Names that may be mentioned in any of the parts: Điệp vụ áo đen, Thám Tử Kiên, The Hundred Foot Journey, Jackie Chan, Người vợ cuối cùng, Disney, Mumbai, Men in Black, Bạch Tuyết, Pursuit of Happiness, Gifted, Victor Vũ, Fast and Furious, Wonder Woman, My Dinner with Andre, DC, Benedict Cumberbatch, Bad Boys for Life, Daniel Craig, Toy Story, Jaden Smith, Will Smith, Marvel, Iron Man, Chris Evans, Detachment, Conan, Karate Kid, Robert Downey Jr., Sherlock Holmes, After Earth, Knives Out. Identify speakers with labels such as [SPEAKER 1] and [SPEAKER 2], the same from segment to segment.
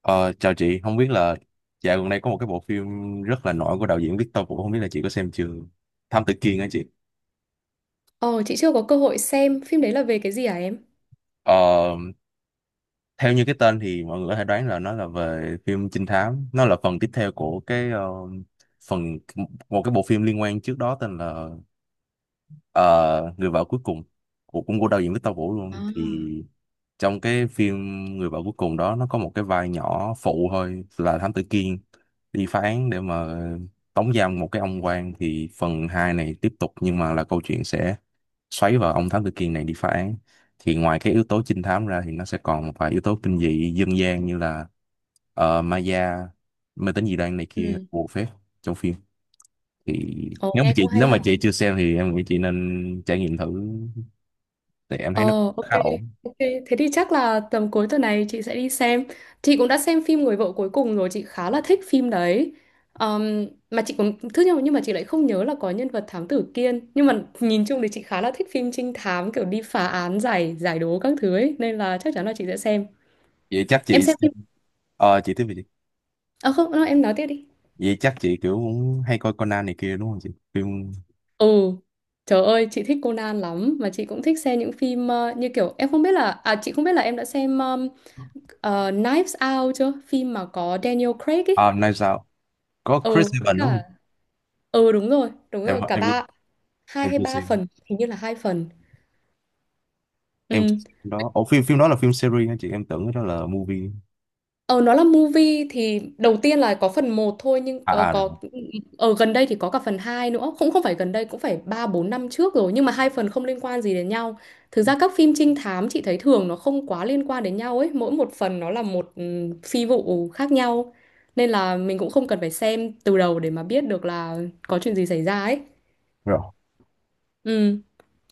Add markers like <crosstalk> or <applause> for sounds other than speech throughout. [SPEAKER 1] Ờ, Chào chị, không biết là dạo gần đây có một cái bộ phim rất là nổi của đạo diễn Victor Vũ, không biết là chị có xem chưa? Thám Tử Kiên á chị.
[SPEAKER 2] Ồ, chị chưa có cơ hội xem phim đấy là về cái gì hả em?
[SPEAKER 1] Ờ, Theo như cái tên thì mọi người có thể đoán là nó là về phim trinh thám, nó là phần tiếp theo của phần một cái bộ phim liên quan trước đó tên là Ờ, người vợ cuối cùng, của cũng của đạo diễn Victor Vũ
[SPEAKER 2] À.
[SPEAKER 1] luôn. Thì trong cái phim người vợ cuối cùng đó, nó có một cái vai nhỏ phụ thôi là Thám Tử Kiên đi phá án để mà tống giam một cái ông quan. Thì phần 2 này tiếp tục nhưng mà là câu chuyện sẽ xoáy vào ông Thám Tử Kiên này đi phá án. Thì ngoài cái yếu tố trinh thám ra thì nó sẽ còn một vài yếu tố kinh dị dân gian như là ma da, mê tín dị đoan này kia,
[SPEAKER 2] Ừ.
[SPEAKER 1] bùa phép trong phim. Thì
[SPEAKER 2] Ồ, nghe cũng hay
[SPEAKER 1] nếu mà
[SPEAKER 2] hả?
[SPEAKER 1] chị chưa xem thì em nghĩ chị nên trải nghiệm thử, thì em thấy nó
[SPEAKER 2] Ồ, ok,
[SPEAKER 1] khá ổn.
[SPEAKER 2] ok. Thế thì chắc là tầm cuối tuần này chị sẽ đi xem. Chị cũng đã xem phim Người vợ cuối cùng rồi, chị khá là thích phim đấy. Mà chị cũng thứ nhưng mà chị lại không nhớ là có nhân vật thám tử Kiên. Nhưng mà nhìn chung thì chị khá là thích phim trinh thám kiểu đi phá án giải giải đố các thứ ấy, nên là chắc chắn là chị sẽ xem.
[SPEAKER 1] Vậy chắc
[SPEAKER 2] Em
[SPEAKER 1] chị
[SPEAKER 2] xem phim.
[SPEAKER 1] xem- Ờ, chị tiếp về đi.
[SPEAKER 2] À không, không, em nói tiếp đi.
[SPEAKER 1] Vậy chắc chị kiểu cũng hay coi Conan này kia đúng không chị? Phim
[SPEAKER 2] Ừ, trời ơi, chị thích Conan lắm mà chị cũng thích xem những phim như kiểu em không biết là à chị không biết là em đã xem Knives Out chưa? Phim mà có Daniel Craig
[SPEAKER 1] à,
[SPEAKER 2] ấy.
[SPEAKER 1] nay sao, có Chris
[SPEAKER 2] Ừ, với
[SPEAKER 1] Evans đúng không?
[SPEAKER 2] cả ừ đúng
[SPEAKER 1] em
[SPEAKER 2] rồi, cả
[SPEAKER 1] em
[SPEAKER 2] ba hai
[SPEAKER 1] em
[SPEAKER 2] hay
[SPEAKER 1] chưa
[SPEAKER 2] ba
[SPEAKER 1] xem
[SPEAKER 2] phần, hình như là hai phần.
[SPEAKER 1] em chưa
[SPEAKER 2] Ừ.
[SPEAKER 1] xem phim đó. Ủa phim phim đó là phim series hả chị? Em tưởng đó là movie.
[SPEAKER 2] Ờ nó là movie thì đầu tiên là có phần một thôi nhưng
[SPEAKER 1] À à, rồi.
[SPEAKER 2] có ở gần đây thì có cả phần 2 nữa. Cũng không phải gần đây cũng phải 3 4 năm trước rồi nhưng mà hai phần không liên quan gì đến nhau. Thực ra các phim trinh thám chị thấy thường nó không quá liên quan đến nhau ấy, mỗi một phần nó là một phi vụ khác nhau. Nên là mình cũng không cần phải xem từ đầu để mà biết được là có chuyện gì xảy ra ấy.
[SPEAKER 1] Rồi.
[SPEAKER 2] Ừ,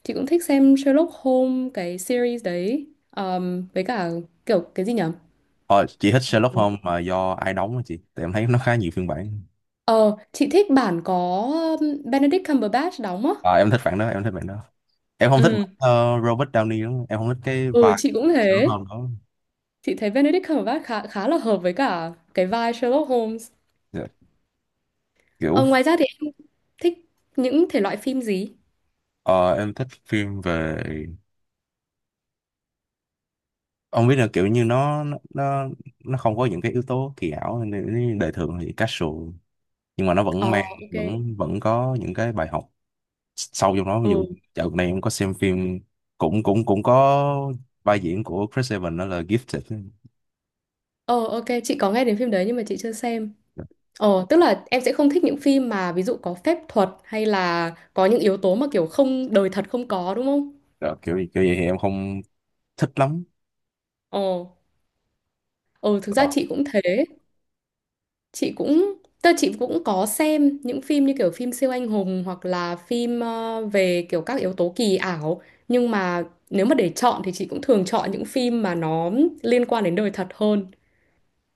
[SPEAKER 2] chị cũng thích xem Sherlock Holmes cái series đấy. Với cả kiểu cái gì nhỉ?
[SPEAKER 1] Ờ, chị thích Sherlock Holmes mà do ai đóng hả chị? Tại em thấy nó khá nhiều phiên bản.
[SPEAKER 2] Ờ, chị thích bản có Benedict Cumberbatch đóng á.
[SPEAKER 1] À, em thích bản đó. Em không thích
[SPEAKER 2] Ừ,
[SPEAKER 1] Robert Downey lắm, em không thích cái
[SPEAKER 2] ừ
[SPEAKER 1] vai
[SPEAKER 2] chị cũng
[SPEAKER 1] Sherlock
[SPEAKER 2] thế.
[SPEAKER 1] Holmes đó.
[SPEAKER 2] Chị thấy Benedict Cumberbatch khá khá là hợp với cả cái vai Sherlock Holmes.
[SPEAKER 1] Dạ. Kiểu,
[SPEAKER 2] Ờ, ngoài ra thì em thích những thể loại phim gì?
[SPEAKER 1] ờ, em thích phim về, ông biết là kiểu như nó không có những cái yếu tố kỳ ảo nên đời thường thì casual, nhưng mà nó
[SPEAKER 2] Ờ,
[SPEAKER 1] vẫn mang,
[SPEAKER 2] ok.
[SPEAKER 1] vẫn vẫn có những cái bài học sâu trong nó. Ví
[SPEAKER 2] Ừ.
[SPEAKER 1] dụ dạo này em có xem phim, cũng cũng cũng có vai diễn của Chris Evans đó là Gifted.
[SPEAKER 2] Ờ, ok, chị có nghe đến phim đấy nhưng mà chị chưa xem. Ờ, tức là em sẽ không thích những phim mà ví dụ có phép thuật hay là có những yếu tố mà kiểu không đời thật không có đúng không?
[SPEAKER 1] Đó, kiểu kiểu vậy thì em không thích lắm.
[SPEAKER 2] Ờ, ừ, thực
[SPEAKER 1] Ờ.
[SPEAKER 2] ra chị cũng thế. Chị cũng tức là chị cũng có xem những phim như kiểu phim siêu anh hùng hoặc là phim về kiểu các yếu tố kỳ ảo nhưng mà nếu mà để chọn thì chị cũng thường chọn những phim mà nó liên quan đến đời thật hơn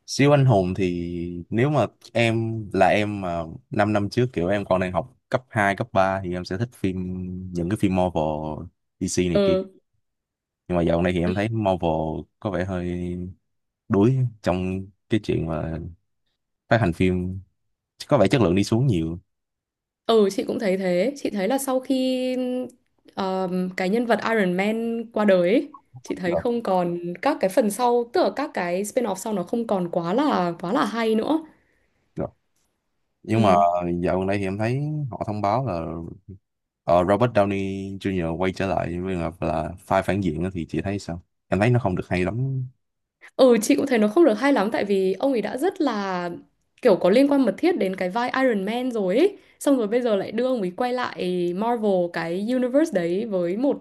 [SPEAKER 1] Siêu anh hùng thì nếu mà em là em mà 5 năm năm trước, kiểu em còn đang học cấp 2 cấp 3 thì em sẽ thích phim, những cái phim Marvel, DC này kia.
[SPEAKER 2] ừ
[SPEAKER 1] Nhưng mà dạo này thì em thấy Marvel có vẻ hơi đuối trong cái chuyện mà phát hành phim, có vẻ chất lượng đi xuống nhiều.
[SPEAKER 2] ừ chị cũng thấy thế chị thấy là sau khi cái nhân vật Iron Man qua đời ấy, chị thấy
[SPEAKER 1] Rồi,
[SPEAKER 2] không còn các cái phần sau tức là các cái spin-off sau nó không còn quá là hay nữa
[SPEAKER 1] rồi. Nhưng mà
[SPEAKER 2] ừ
[SPEAKER 1] dạo gần đây thì em thấy họ thông báo là Robert Downey Jr. quay trở lại với là vai phản diện á, thì chị thấy sao? Em thấy nó không được hay lắm.
[SPEAKER 2] Ừ chị cũng thấy nó không được hay lắm tại vì ông ấy đã rất là kiểu có liên quan mật thiết đến cái vai Iron Man rồi ấy. Xong rồi bây giờ lại đưa ông ấy quay lại Marvel cái universe đấy với một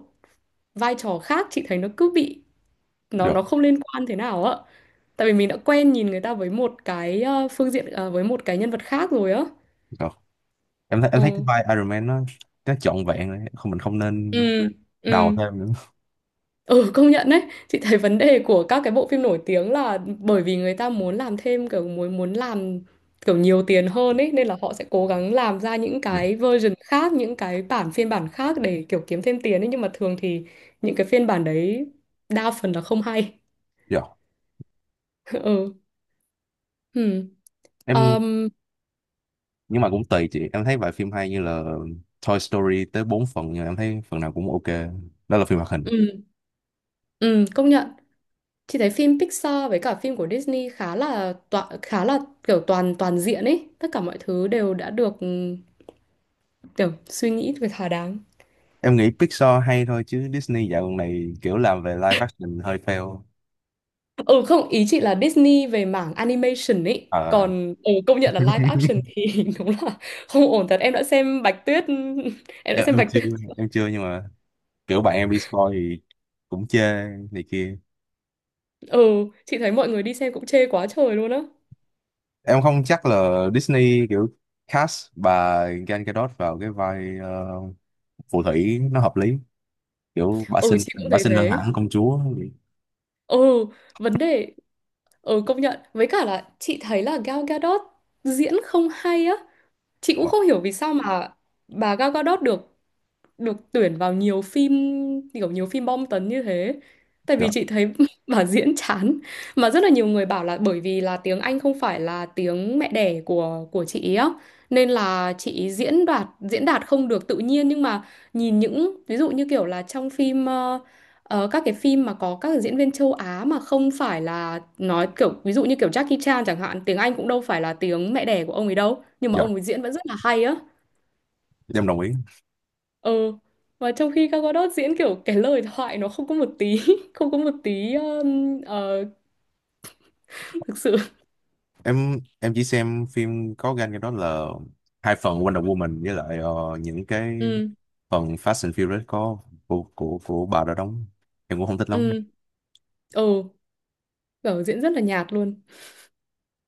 [SPEAKER 2] vai trò khác chị thấy nó cứ bị nó
[SPEAKER 1] Được,
[SPEAKER 2] không liên quan thế nào ạ. Tại vì mình đã quen nhìn người ta với một cái phương diện với một cái nhân vật khác rồi á.
[SPEAKER 1] được. Em thấy, cái
[SPEAKER 2] Ừ.
[SPEAKER 1] vai Iron Man nó trọn vẹn rồi. Không, mình không nên
[SPEAKER 2] Ừ,
[SPEAKER 1] đào
[SPEAKER 2] ừ.
[SPEAKER 1] thêm nữa.
[SPEAKER 2] Ừ công nhận đấy Chị thấy vấn đề của các cái bộ phim nổi tiếng là Bởi vì người ta muốn làm thêm kiểu muốn muốn làm kiểu nhiều tiền hơn ấy Nên là họ sẽ cố gắng làm ra những
[SPEAKER 1] Được,
[SPEAKER 2] cái version khác Những cái bản phiên bản khác để kiểu kiếm thêm tiền ấy Nhưng mà thường thì những cái phiên bản đấy Đa phần là không hay
[SPEAKER 1] được.
[SPEAKER 2] <laughs> Ừ ừ.
[SPEAKER 1] Em
[SPEAKER 2] Um,
[SPEAKER 1] nhưng mà cũng tùy chị, em thấy vài phim hay như là Toy Story tới 4 phần nhưng mà em thấy phần nào cũng ok. Đó là phim hoạt hình.
[SPEAKER 2] ừ. ừ công nhận Chị thấy phim Pixar với cả phim của Disney khá là tọa, khá là kiểu toàn toàn diện ấy Tất cả mọi thứ đều đã được kiểu suy nghĩ về thỏa đáng
[SPEAKER 1] Em nghĩ Pixar hay thôi, chứ Disney dạo gần này kiểu làm về live action hơi fail.
[SPEAKER 2] ừ không ý chị là Disney về mảng animation ấy
[SPEAKER 1] Ờ,
[SPEAKER 2] còn công nhận là live action
[SPEAKER 1] <laughs>
[SPEAKER 2] thì <laughs> đúng là không ổn thật em đã xem Bạch Tuyết <laughs> em đã
[SPEAKER 1] em,
[SPEAKER 2] xem
[SPEAKER 1] em
[SPEAKER 2] Bạch
[SPEAKER 1] chưa
[SPEAKER 2] Tuyết
[SPEAKER 1] em chưa nhưng mà kiểu bạn em đi coi thì cũng chê này kia.
[SPEAKER 2] ừ chị thấy mọi người đi xem cũng chê quá trời luôn á
[SPEAKER 1] Em không chắc là Disney kiểu cast bà Gal Gadot vào cái vai phù thủy nó hợp lý, kiểu
[SPEAKER 2] ừ chị cũng
[SPEAKER 1] bà
[SPEAKER 2] thấy
[SPEAKER 1] xinh hơn
[SPEAKER 2] thế
[SPEAKER 1] hẳn công chúa.
[SPEAKER 2] ừ vấn đề ừ công nhận với cả là chị thấy là Gal Gadot diễn không hay á Chị cũng
[SPEAKER 1] Ờ,
[SPEAKER 2] không hiểu vì sao mà bà Gal Gadot được được tuyển vào nhiều phim kiểu nhiều phim bom tấn như thế. Tại vì
[SPEAKER 1] dạ.
[SPEAKER 2] chị thấy <laughs> bà diễn chán mà rất là nhiều người bảo là bởi vì là tiếng Anh không phải là tiếng mẹ đẻ của chị ý á nên là chị ý diễn đạt không được tự nhiên nhưng mà nhìn những ví dụ như kiểu là trong phim các cái phim mà có các diễn viên châu Á mà không phải là nói kiểu ví dụ như kiểu Jackie Chan chẳng hạn tiếng Anh cũng đâu phải là tiếng mẹ đẻ của ông ấy đâu nhưng mà ông
[SPEAKER 1] Dạ,
[SPEAKER 2] ấy diễn vẫn rất là hay á
[SPEAKER 1] dạ, em đồng ý.
[SPEAKER 2] ừ mà trong khi Gal Gadot diễn kiểu cái lời thoại nó không có một tí <laughs> không có một tí thực sự
[SPEAKER 1] Chỉ xem phim có gan cái đó là hai phần Wonder Woman với lại những cái
[SPEAKER 2] ừ
[SPEAKER 1] phần Fast and Furious có của bà đã đóng, em cũng không thích lắm.
[SPEAKER 2] ừ ừ kiểu diễn rất là nhạt luôn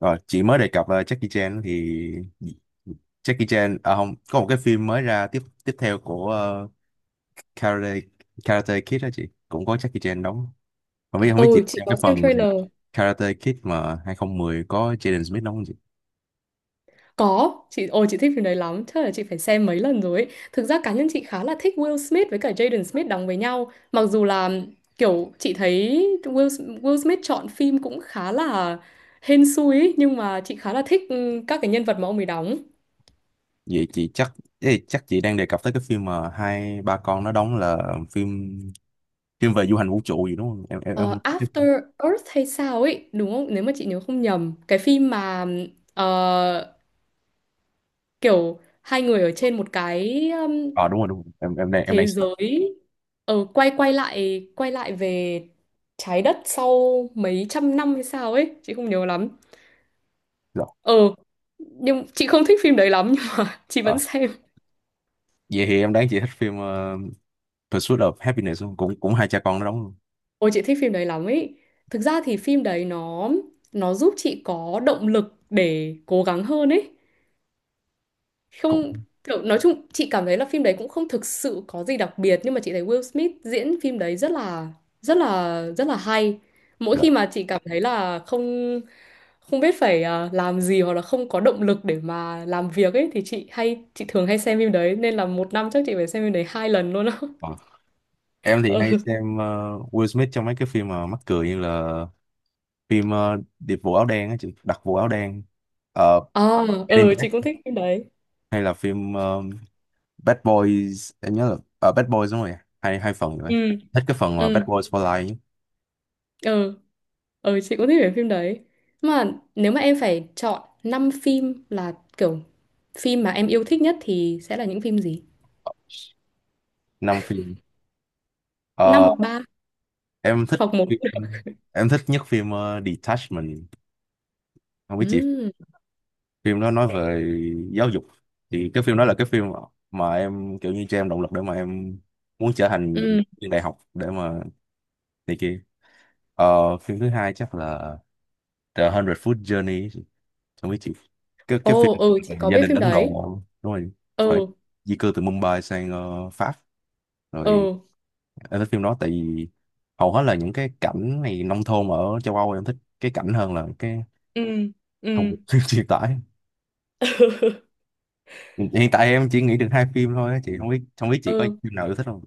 [SPEAKER 1] Rồi chị mới đề cập là Jackie Chan thì, Jackie Chan à, không có một cái phim mới ra tiếp tiếp theo của Karate, Karate Kid đó, chị cũng có Jackie Chan đóng. Không biết chị
[SPEAKER 2] ừ chị
[SPEAKER 1] xem
[SPEAKER 2] có
[SPEAKER 1] cái
[SPEAKER 2] xem
[SPEAKER 1] phần
[SPEAKER 2] trailer
[SPEAKER 1] Karate Kid mà 2010 có Jaden Smith đóng.
[SPEAKER 2] có chị ồ chị thích phim đấy lắm chắc là chị phải xem mấy lần rồi ấy. Thực ra cá nhân chị khá là thích Will Smith với cả Jaden Smith đóng với nhau mặc dù là kiểu chị thấy Will Smith chọn phim cũng khá là hên xui ấy, nhưng mà chị khá là thích các cái nhân vật mà ông ấy đóng
[SPEAKER 1] Vậy chị chắc, ê, chắc chị đang đề cập tới cái phim mà hai ba con nó đóng là phim, phim về du hành vũ trụ gì đúng không?
[SPEAKER 2] Ờ,
[SPEAKER 1] Em.
[SPEAKER 2] After Earth hay sao ấy đúng không nếu mà chị nhớ không nhầm cái phim mà ờ, kiểu hai người ở trên một cái
[SPEAKER 1] À, đúng rồi, đúng rồi. Em, em đang
[SPEAKER 2] thế
[SPEAKER 1] sợ.
[SPEAKER 2] giới quay quay lại về trái đất sau mấy trăm năm hay sao ấy chị không nhớ lắm
[SPEAKER 1] Rồi.
[SPEAKER 2] ờ nhưng chị không thích phim đấy lắm nhưng mà <laughs> chị
[SPEAKER 1] Ờ.
[SPEAKER 2] vẫn xem
[SPEAKER 1] Vậy thì em đoán chị thích phim Pursuit of Happiness không? Cũng Cũng hai cha con nó đóng luôn.
[SPEAKER 2] ôi chị thích phim đấy lắm ấy thực ra thì phim đấy nó giúp chị có động lực để cố gắng hơn ấy
[SPEAKER 1] Cũng
[SPEAKER 2] không kiểu nói chung chị cảm thấy là phim đấy cũng không thực sự có gì đặc biệt nhưng mà chị thấy Will Smith diễn phim đấy rất là hay mỗi
[SPEAKER 1] rồi.
[SPEAKER 2] khi mà chị cảm thấy là không không biết phải làm gì hoặc là không có động lực để mà làm việc ấy thì chị thường hay xem phim đấy nên là một năm chắc chị phải xem phim đấy hai lần luôn á
[SPEAKER 1] Ờ. Em
[SPEAKER 2] <laughs>
[SPEAKER 1] thì hay
[SPEAKER 2] ừ.
[SPEAKER 1] xem Will Smith trong mấy cái phim mà mắc cười như là phim Điệp vụ áo đen á chị, đặc vụ áo đen, ờ,
[SPEAKER 2] ờ
[SPEAKER 1] Men in
[SPEAKER 2] ừ chị
[SPEAKER 1] Black,
[SPEAKER 2] cũng thích phim đấy
[SPEAKER 1] hay là phim Bad Boys. Em nhớ là Bad Boys đúng rồi, hai hai phần rồi.
[SPEAKER 2] ừ
[SPEAKER 1] Thích cái phần mà
[SPEAKER 2] ừ
[SPEAKER 1] Bad Boys for Life.
[SPEAKER 2] ừ Ừ chị cũng thích về phim đấy Mà nếu mà em phải chọn 5 phim là kiểu Phim mà em yêu thích nhất thì sẽ là những phim gì?
[SPEAKER 1] Năm phim.
[SPEAKER 2] Năm
[SPEAKER 1] Ờ,
[SPEAKER 2] hoặc ba
[SPEAKER 1] em thích
[SPEAKER 2] hoặc một.
[SPEAKER 1] phim, em thích nhất phim Detachment, không biết chị.
[SPEAKER 2] Ừ.
[SPEAKER 1] Phim đó nói về giáo dục, thì cái phim đó là cái phim mà em kiểu như cho em động lực để mà em muốn trở thành
[SPEAKER 2] ừ.
[SPEAKER 1] viên đại học để mà này kia. Ờ, phim thứ hai chắc là The Hundred Foot Journey, không biết chị, cái phim
[SPEAKER 2] Ồ ừ
[SPEAKER 1] về
[SPEAKER 2] chị có
[SPEAKER 1] gia
[SPEAKER 2] biết
[SPEAKER 1] đình
[SPEAKER 2] phim
[SPEAKER 1] Ấn Độ.
[SPEAKER 2] đấy
[SPEAKER 1] Đúng rồi, phải,
[SPEAKER 2] Ừ
[SPEAKER 1] di cư từ Mumbai sang Pháp, rồi.
[SPEAKER 2] ừ
[SPEAKER 1] Em thích phim đó tại vì hầu hết là những cái cảnh này nông thôn ở châu Âu, em thích cái cảnh hơn là cái
[SPEAKER 2] ừ
[SPEAKER 1] thông điệp
[SPEAKER 2] ừ
[SPEAKER 1] <laughs> truyền tải.
[SPEAKER 2] <laughs>
[SPEAKER 1] Hiện tại em chỉ nghĩ được hai phim thôi á chị, không biết chị có
[SPEAKER 2] ừ
[SPEAKER 1] phim nào yêu thích không.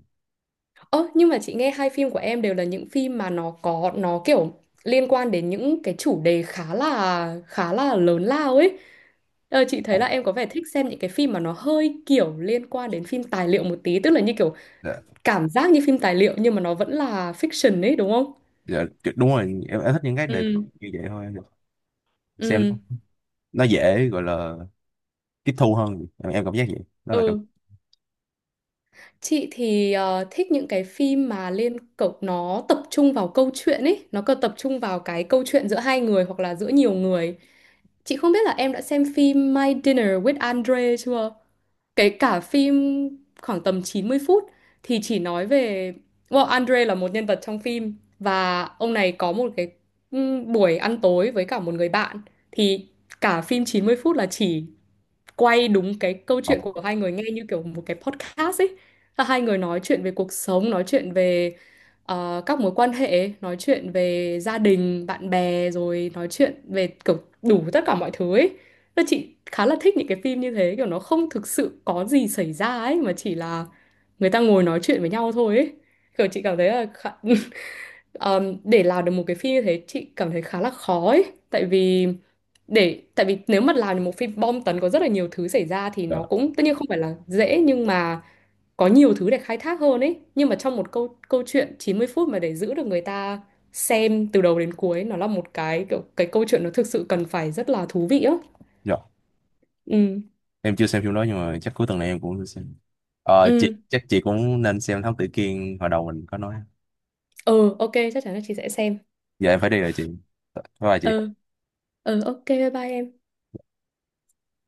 [SPEAKER 2] Ơ nhưng mà chị nghe hai phim của em đều là những phim mà nó có nó kiểu liên quan đến những cái chủ đề khá là lớn lao ấy. Ờ, chị
[SPEAKER 1] Ồ,
[SPEAKER 2] thấy là em có vẻ thích xem những cái phim mà nó hơi kiểu liên quan đến phim tài liệu một tí, tức là như kiểu
[SPEAKER 1] dạ.
[SPEAKER 2] cảm giác như phim tài liệu nhưng mà nó vẫn là fiction ấy đúng không?
[SPEAKER 1] Dạ, đúng rồi. Em thích những cái đề tài
[SPEAKER 2] Ừ.
[SPEAKER 1] như vậy thôi em được. Xem
[SPEAKER 2] Ừ.
[SPEAKER 1] nó dễ gọi là tiếp thu hơn, em cảm giác vậy, đó là cảm.
[SPEAKER 2] Ừ. Chị thì thích những cái phim mà liên cậu nó tập trung vào câu chuyện ấy, nó còn tập trung vào cái câu chuyện giữa hai người hoặc là giữa nhiều người. Chị không biết là em đã xem phim My Dinner with Andre chưa? Cái cả phim khoảng tầm 90 phút thì chỉ nói về well, Andre là một nhân vật trong phim và ông này có một cái buổi ăn tối với cả một người bạn thì cả phim 90 phút là chỉ quay đúng cái câu
[SPEAKER 1] Ờ,
[SPEAKER 2] chuyện của hai người nghe như kiểu một cái podcast ấy là hai người nói chuyện về cuộc sống, nói chuyện về các mối quan hệ, nói chuyện về gia đình, bạn bè, rồi nói chuyện về kiểu đủ tất cả mọi thứ ấy. Nên chị khá là thích những cái phim như thế, kiểu nó không thực sự có gì xảy ra ấy, mà chỉ là người ta ngồi nói chuyện với nhau thôi ấy. Kiểu chị cảm thấy là khá... <laughs> để làm được một cái phim như thế chị cảm thấy khá là khó ấy. Tại vì tại vì nếu mà làm được một phim bom tấn có rất là nhiều thứ xảy ra thì
[SPEAKER 1] dạ,
[SPEAKER 2] nó cũng tất nhiên không phải là dễ nhưng mà có nhiều thứ để khai thác hơn ấy nhưng mà trong một câu câu chuyện 90 phút mà để giữ được người ta xem từ đầu đến cuối nó là một cái kiểu cái câu chuyện nó thực sự cần phải rất là thú vị á
[SPEAKER 1] dạ.
[SPEAKER 2] ừ
[SPEAKER 1] Em chưa xem phim đó nhưng mà chắc cuối tuần này em cũng sẽ xem. Ờ, chị
[SPEAKER 2] ừ
[SPEAKER 1] chắc chị cũng nên xem Thám Tử Kiên hồi đầu mình có nói.
[SPEAKER 2] ừ ok chắc chắn là chị sẽ xem
[SPEAKER 1] Giờ em phải đi rồi chị, bye bye chị.
[SPEAKER 2] ừ ừ ok bye bye em